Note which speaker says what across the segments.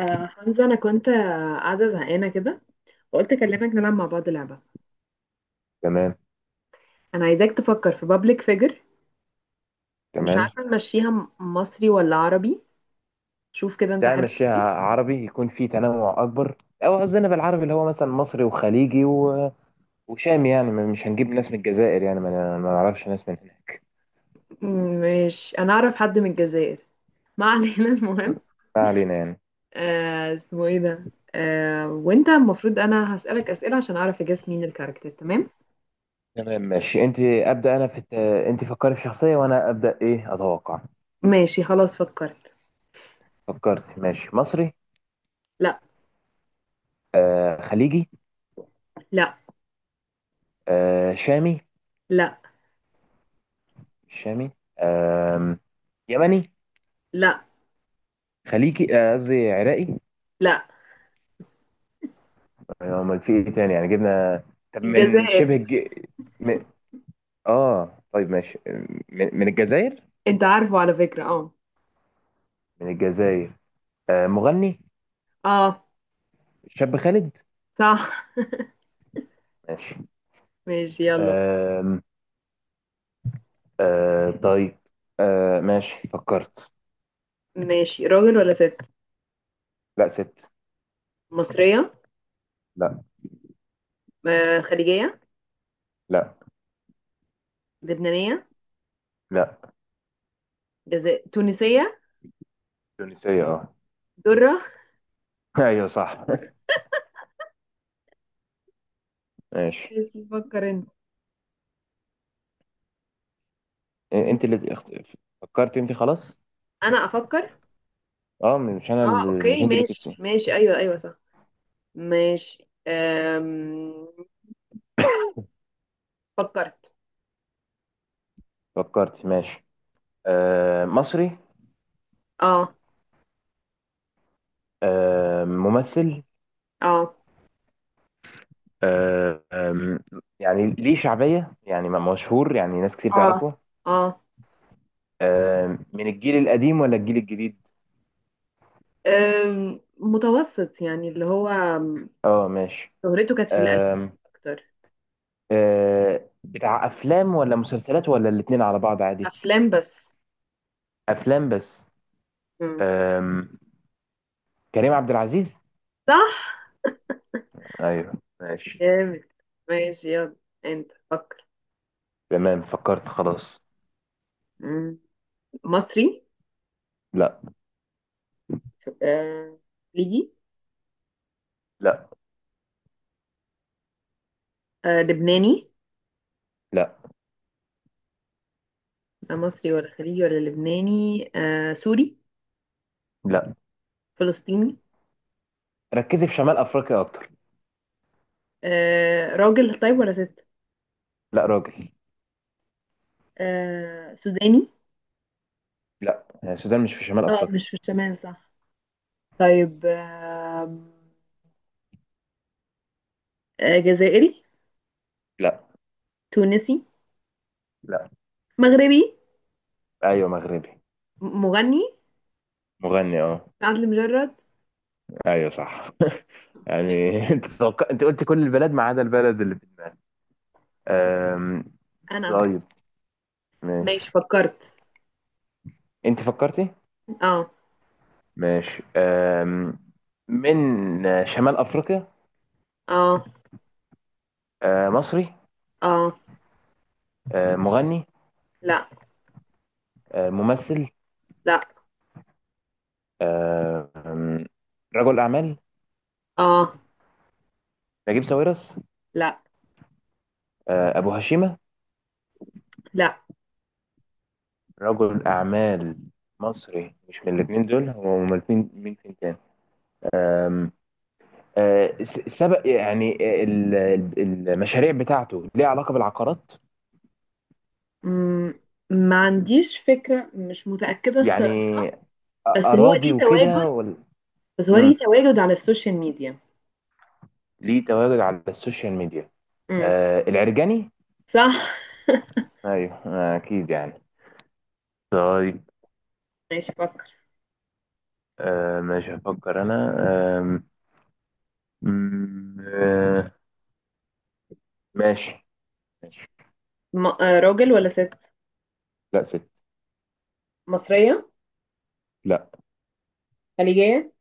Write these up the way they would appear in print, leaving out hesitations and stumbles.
Speaker 1: حمزة، أنا كنت قاعدة زهقانة كده. وقلت أكلمك نلعب مع بعض لعبة.
Speaker 2: تمام
Speaker 1: أنا عايزاك تفكر في بابليك فيجر. مش
Speaker 2: تمام.
Speaker 1: عارفة نمشيها مصري ولا عربي. شوف كده أنت
Speaker 2: تعال
Speaker 1: حابب
Speaker 2: نمشيها
Speaker 1: إيه؟
Speaker 2: عربي يكون فيه تنوع اكبر. او قصدنا بالعربي اللي هو مثلا مصري وخليجي وشامي، يعني مش هنجيب ناس من الجزائر، يعني ما نعرفش ناس من هناك.
Speaker 1: مش أنا أعرف حد من الجزائر. ما علينا المهم.
Speaker 2: ما علينا يعني.
Speaker 1: اسمه إيه ده؟ وأنت المفروض أنا هسألك أسئلة عشان أعرف أجاس مين الكاركتر. تمام.
Speaker 2: تمام. ماشي انت ابدا، انا في انت فكري في شخصيه وانا ابدا ايه اتوقع.
Speaker 1: ماشي خلاص فكرت.
Speaker 2: فكرت؟ ماشي، مصري؟
Speaker 1: لا.
Speaker 2: آه، خليجي؟
Speaker 1: لا.
Speaker 2: آه، شامي؟
Speaker 1: لا.
Speaker 2: مش شامي؟ آه، يمني؟
Speaker 1: لا.
Speaker 2: خليجي، آه، قصدي عراقي؟
Speaker 1: لا.
Speaker 2: آه، امال في ايه تاني يعني جبنا. طب من شبه
Speaker 1: الجزائر.
Speaker 2: اه، طيب، ماشي. من الجزائر.
Speaker 1: أنت عارفه على فكرة؟ أه.
Speaker 2: من الجزائر، آه، مغني،
Speaker 1: أه.
Speaker 2: شاب خالد.
Speaker 1: صح.
Speaker 2: ماشي.
Speaker 1: ماشي يلا.
Speaker 2: آم آه، طيب. آه، ماشي، فكرت؟
Speaker 1: ماشي، راجل ولا ست؟
Speaker 2: لا، ست.
Speaker 1: مصرية؟
Speaker 2: لا.
Speaker 1: خليجية؟
Speaker 2: لا.
Speaker 1: لبنانية؟
Speaker 2: لا.
Speaker 1: جزائر، تونسية؟
Speaker 2: تونسية، اه.
Speaker 1: درة.
Speaker 2: ايوه صح. ماشي.
Speaker 1: ماشي فكر انت.
Speaker 2: إيه، انت اللي فكرت انت؟ خلاص.
Speaker 1: انا افكر.
Speaker 2: اه، مش انا
Speaker 1: اه
Speaker 2: مش
Speaker 1: اوكي،
Speaker 2: انت اللي كنت؟
Speaker 1: ماشي ماشي، ايوه ايوه، صح. ماشي فكرت.
Speaker 2: فكرت؟ ماشي. آه، مصري؟
Speaker 1: اه.
Speaker 2: آه، ممثل؟
Speaker 1: اه.
Speaker 2: آه آم، يعني ليه شعبية، يعني مشهور، يعني ناس كتير
Speaker 1: اه.
Speaker 2: تعرفه؟
Speaker 1: اه.
Speaker 2: آم، من الجيل القديم ولا الجيل الجديد؟
Speaker 1: متوسط، يعني اللي هو.
Speaker 2: اه، ماشي.
Speaker 1: شهرته كانت في الألفينات
Speaker 2: آم،
Speaker 1: اكتر.
Speaker 2: آه، بتاع افلام ولا مسلسلات ولا الاتنين على بعض عادي؟
Speaker 1: افلام بس.
Speaker 2: افلام بس؟
Speaker 1: مم.
Speaker 2: آم، كريم عبد العزيز؟
Speaker 1: صح.
Speaker 2: ايوه. ماشي.
Speaker 1: جامد. ماشي يلا، انت فكر.
Speaker 2: تمام، فكرت خلاص.
Speaker 1: مم. مصري؟
Speaker 2: لا.
Speaker 1: آه، خليجي؟
Speaker 2: لا.
Speaker 1: لبناني؟
Speaker 2: لا.
Speaker 1: مصري ولا خليجي ولا لبناني، سوري؟
Speaker 2: لا.
Speaker 1: فلسطيني؟
Speaker 2: ركزي في شمال افريقيا اكتر.
Speaker 1: راجل طيب ولا ست؟
Speaker 2: لا، راجل.
Speaker 1: سوداني؟
Speaker 2: لا، آه، السودان مش في شمال
Speaker 1: اه
Speaker 2: افريقيا.
Speaker 1: مش في الشمال، صح. طيب. جزائري؟
Speaker 2: لا.
Speaker 1: تونسي؟
Speaker 2: لا.
Speaker 1: مغربي؟
Speaker 2: ايوه، مغربي.
Speaker 1: مغني؟
Speaker 2: مغني، اه.
Speaker 1: عدلي مجرد.
Speaker 2: ايوه صح. يعني
Speaker 1: ماشي،
Speaker 2: انت انت قلت كل البلاد ما عدا البلد اللي. آم،
Speaker 1: انا هفكر.
Speaker 2: طيب،
Speaker 1: ماشي
Speaker 2: ماشي.
Speaker 1: فكرت.
Speaker 2: انت فكرتي؟
Speaker 1: اه.
Speaker 2: ماشي، أم، من آه، شمال افريقيا؟
Speaker 1: اه.
Speaker 2: أه، مصري؟
Speaker 1: اه.
Speaker 2: أه، مغني؟
Speaker 1: لا.
Speaker 2: أه، ممثل؟
Speaker 1: لا.
Speaker 2: أه، أم، رجل اعمال؟
Speaker 1: اه.
Speaker 2: نجيب ساويرس؟
Speaker 1: لا.
Speaker 2: أه، ابو هشيمة؟
Speaker 1: لا.
Speaker 2: رجل اعمال مصري مش من الاثنين دول، هو من الاثنين، مين فين كان؟ أه، سبق يعني، المشاريع بتاعته ليها علاقة بالعقارات؟
Speaker 1: مم، ما عنديش فكرة، مش متأكدة
Speaker 2: يعني
Speaker 1: الصراحة.
Speaker 2: أ-
Speaker 1: بس هو
Speaker 2: اراضي
Speaker 1: ليه تواجد،
Speaker 2: وكده ولا؟
Speaker 1: بس هو
Speaker 2: مم.
Speaker 1: ليه تواجد على السوشيال ميديا.
Speaker 2: ليه تواجد على السوشيال ميديا؟
Speaker 1: امم.
Speaker 2: آه، العرجاني؟
Speaker 1: صح
Speaker 2: ايوه، آه، اكيد يعني. طيب.
Speaker 1: ماشي فكر.
Speaker 2: آه، ماشي، هفكر انا. آه م- آه ماشي. ماشي.
Speaker 1: راجل ولا ست؟
Speaker 2: لا، ست.
Speaker 1: مصرية؟
Speaker 2: لا.
Speaker 1: خليجية؟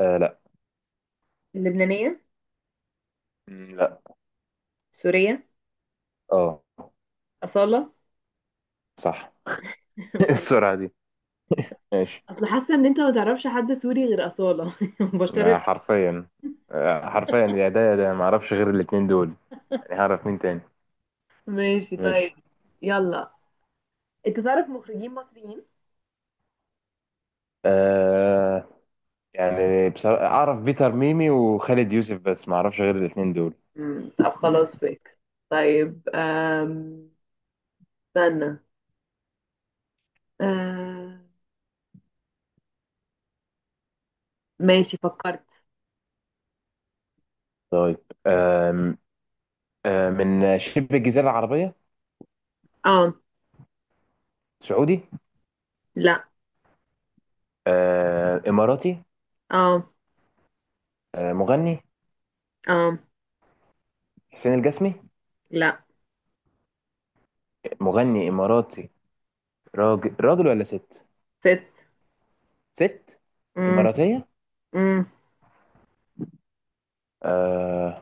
Speaker 2: آه، لا.
Speaker 1: لبنانية؟
Speaker 2: لا.
Speaker 1: سورية؟
Speaker 2: اه،
Speaker 1: أصالة
Speaker 2: صح. إيه السرعة دي. ماشي.
Speaker 1: أصل حاسة إن أنت ما تعرفش حد سوري غير أصالة بشار
Speaker 2: آه،
Speaker 1: الأسد.
Speaker 2: حرفيا. آه، حرفيا، يا ده يا ده، ما اعرفش غير الاتنين دول، يعني هعرف مين تاني.
Speaker 1: ماشي طيب.
Speaker 2: ماشي.
Speaker 1: يلا، أنت تعرف مخرجين مصريين؟
Speaker 2: آه، يعني بصراحة اعرف بيتر ميمي وخالد يوسف، بس ما اعرفش غير الاتنين دول.
Speaker 1: امم، طب خلاص فيك. طيب استنى أم... ماشي فكرت.
Speaker 2: طيب. آم آه من شبه الجزيرة العربية؟
Speaker 1: اه.
Speaker 2: سعودي؟
Speaker 1: لا.
Speaker 2: آه، إماراتي؟
Speaker 1: اه.
Speaker 2: آه، مغني؟
Speaker 1: اه.
Speaker 2: حسين الجسمي؟
Speaker 1: لا.
Speaker 2: مغني إماراتي. راجل ولا ست؟
Speaker 1: ست.
Speaker 2: ست
Speaker 1: امم.
Speaker 2: إماراتية.
Speaker 1: امم.
Speaker 2: آه،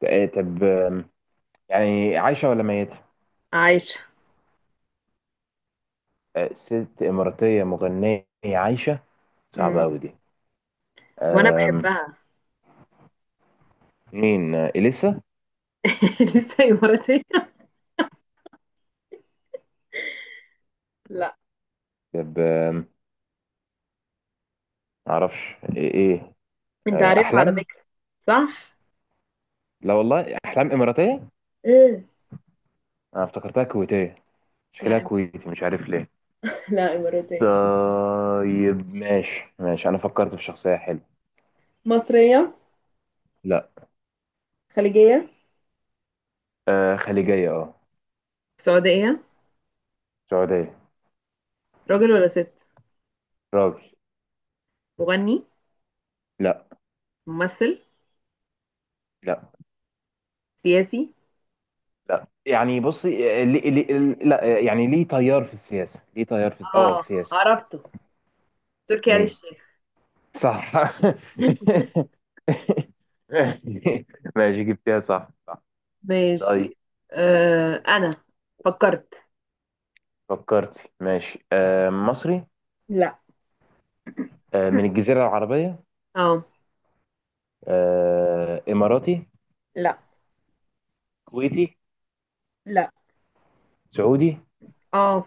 Speaker 2: طب آم، يعني عايشة ولا ميتة؟
Speaker 1: عايشة.
Speaker 2: آه، ست إماراتية مغنية عايشة، صعبة
Speaker 1: امم.
Speaker 2: أوي دي.
Speaker 1: وانا
Speaker 2: آم،
Speaker 1: بحبها
Speaker 2: مين؟ آه، إليسا؟
Speaker 1: لسه اماراتية؟ لا.
Speaker 2: طب آم، معرفش. إيه إيه؟
Speaker 1: انت
Speaker 2: آه،
Speaker 1: عارف على
Speaker 2: أحلام؟
Speaker 1: فكرة. صح.
Speaker 2: لا والله، أحلام إماراتية؟
Speaker 1: ايه.
Speaker 2: أنا افتكرتها كويتية، شكلها
Speaker 1: لا.
Speaker 2: كويتي، مش عارف ليه.
Speaker 1: لا، إماراتية.
Speaker 2: طيب، ماشي ماشي، انا فكرت في شخصية حلوة.
Speaker 1: مصرية؟
Speaker 2: لا.
Speaker 1: خليجية؟
Speaker 2: آه، خليجية، اه.
Speaker 1: سعودية؟
Speaker 2: سعودية.
Speaker 1: راجل ولا ست؟
Speaker 2: راجل.
Speaker 1: مغني؟
Speaker 2: لا.
Speaker 1: ممثل؟
Speaker 2: لا.
Speaker 1: سياسي؟
Speaker 2: لا يعني، بصي آه، لي لي لا، آه، يعني ليه تيار في السياسة، ليه تيار في اه،
Speaker 1: اه
Speaker 2: سياسي.
Speaker 1: عرفته، تركي آل
Speaker 2: مين؟
Speaker 1: الشيخ.
Speaker 2: صح. ماشي، جبتها صح صح. طيب.
Speaker 1: ماشي. انا فكرت.
Speaker 2: فكرت؟ ماشي. آه، مصري؟
Speaker 1: لا.
Speaker 2: آه، من الجزيرة العربية؟
Speaker 1: اه.
Speaker 2: آه، إماراتي؟
Speaker 1: لا.
Speaker 2: كويتي؟
Speaker 1: لا.
Speaker 2: سعودي؟
Speaker 1: اه.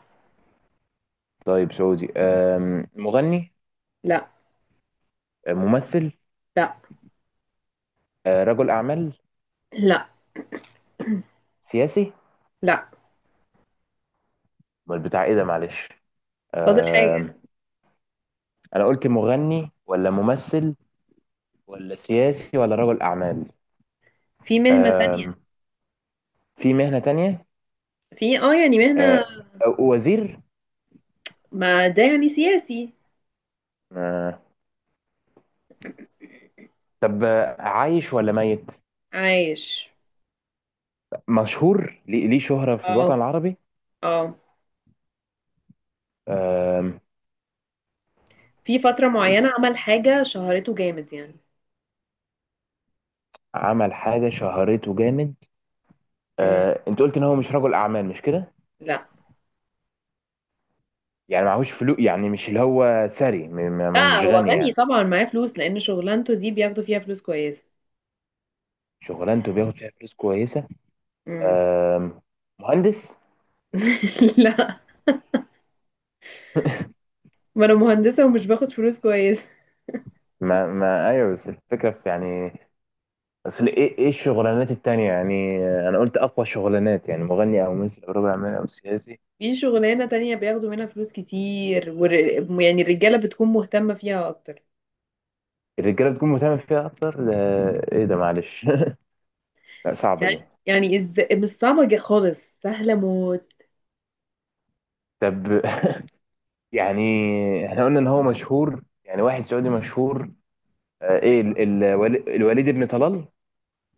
Speaker 2: طيب، سعودي. آم، مغني؟
Speaker 1: لا.
Speaker 2: ممثل؟
Speaker 1: لا.
Speaker 2: آه، رجل اعمال؟
Speaker 1: لا.
Speaker 2: سياسي؟
Speaker 1: لا.
Speaker 2: امال بتاع ايه ده معلش.
Speaker 1: فاضل حاجة،
Speaker 2: آه، انا قلت مغني ولا ممثل ولا سياسي ولا رجل اعمال.
Speaker 1: في مهنة تانية.
Speaker 2: آه، في مهنة تانية.
Speaker 1: في يعني مهنة.
Speaker 2: آه، وزير.
Speaker 1: ما ده يعني سياسي.
Speaker 2: آه، طب آه، عايش ولا ميت؟
Speaker 1: عايش.
Speaker 2: مشهور ليه، ليه شهرة في
Speaker 1: اه.
Speaker 2: الوطن العربي؟
Speaker 1: اه.
Speaker 2: آم،
Speaker 1: في فترة معينة عمل حاجة شهرته جامد يعني.
Speaker 2: عمل حاجة شهرته جامد.
Speaker 1: مم.
Speaker 2: آه، انت قلت ان هو مش رجل اعمال، مش كده؟
Speaker 1: لا.
Speaker 2: يعني معهوش فلوس، يعني مش اللي هو ثري،
Speaker 1: لا،
Speaker 2: مش
Speaker 1: هو
Speaker 2: غني
Speaker 1: غني
Speaker 2: يعني؟
Speaker 1: طبعا، معاه فلوس لأن شغلانته دي بياخدوا فيها فلوس كويسة.
Speaker 2: شغلانته بياخد فيها فلوس كويسة.
Speaker 1: مم.
Speaker 2: آم، مهندس؟
Speaker 1: لا، ما أنا مهندسة ومش باخد فلوس كويسة.
Speaker 2: ما ايوه، بس الفكره في يعني، اصل ايه ايه الشغلانات التانية يعني، آه، انا قلت اقوى شغلانات، يعني مغني او ممثل او رجل اعمال او سياسي.
Speaker 1: في شغلانة تانية بياخدوا منها فلوس كتير، يعني الرجالة بتكون مهتمة فيها أكتر.
Speaker 2: الرجاله بتكون مهتمه فيها اكتر ده؟ ايه ده معلش. لا، صعبه
Speaker 1: يعني
Speaker 2: دي.
Speaker 1: يعني مش صعبة خالص، سهلة موت.
Speaker 2: طب يعني، احنا قلنا ان هو مشهور، يعني واحد سعودي مشهور. آه، ايه
Speaker 1: أيوة.
Speaker 2: الوليد ابن طلال؟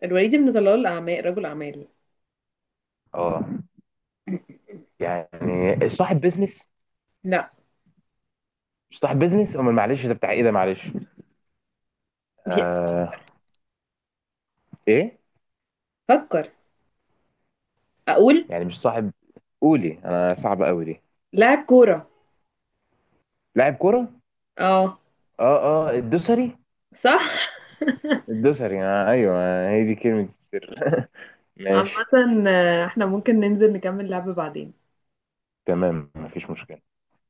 Speaker 1: الوليد بن طلال، الأعمال، رجل أعمال.
Speaker 2: اه، يعني صاحب بيزنس؟
Speaker 1: لا.
Speaker 2: مش صاحب بيزنس؟ امال معلش، ده بتاع ايه ده معلش.
Speaker 1: هي-
Speaker 2: آه، ايه،
Speaker 1: فكر، اقول.
Speaker 2: يعني مش صاحب؟ قولي، انا صعبة قوي دي.
Speaker 1: لاعب كورة.
Speaker 2: لاعب كرة؟
Speaker 1: اه.
Speaker 2: اه. اه، الدوسري؟
Speaker 1: صح
Speaker 2: الدوسري، آه، ايوه، هي دي كلمة السر.
Speaker 1: عامة،
Speaker 2: ماشي.
Speaker 1: احنا ممكن ننزل نكمل لعب بعدين.
Speaker 2: تمام، مفيش مشكلة.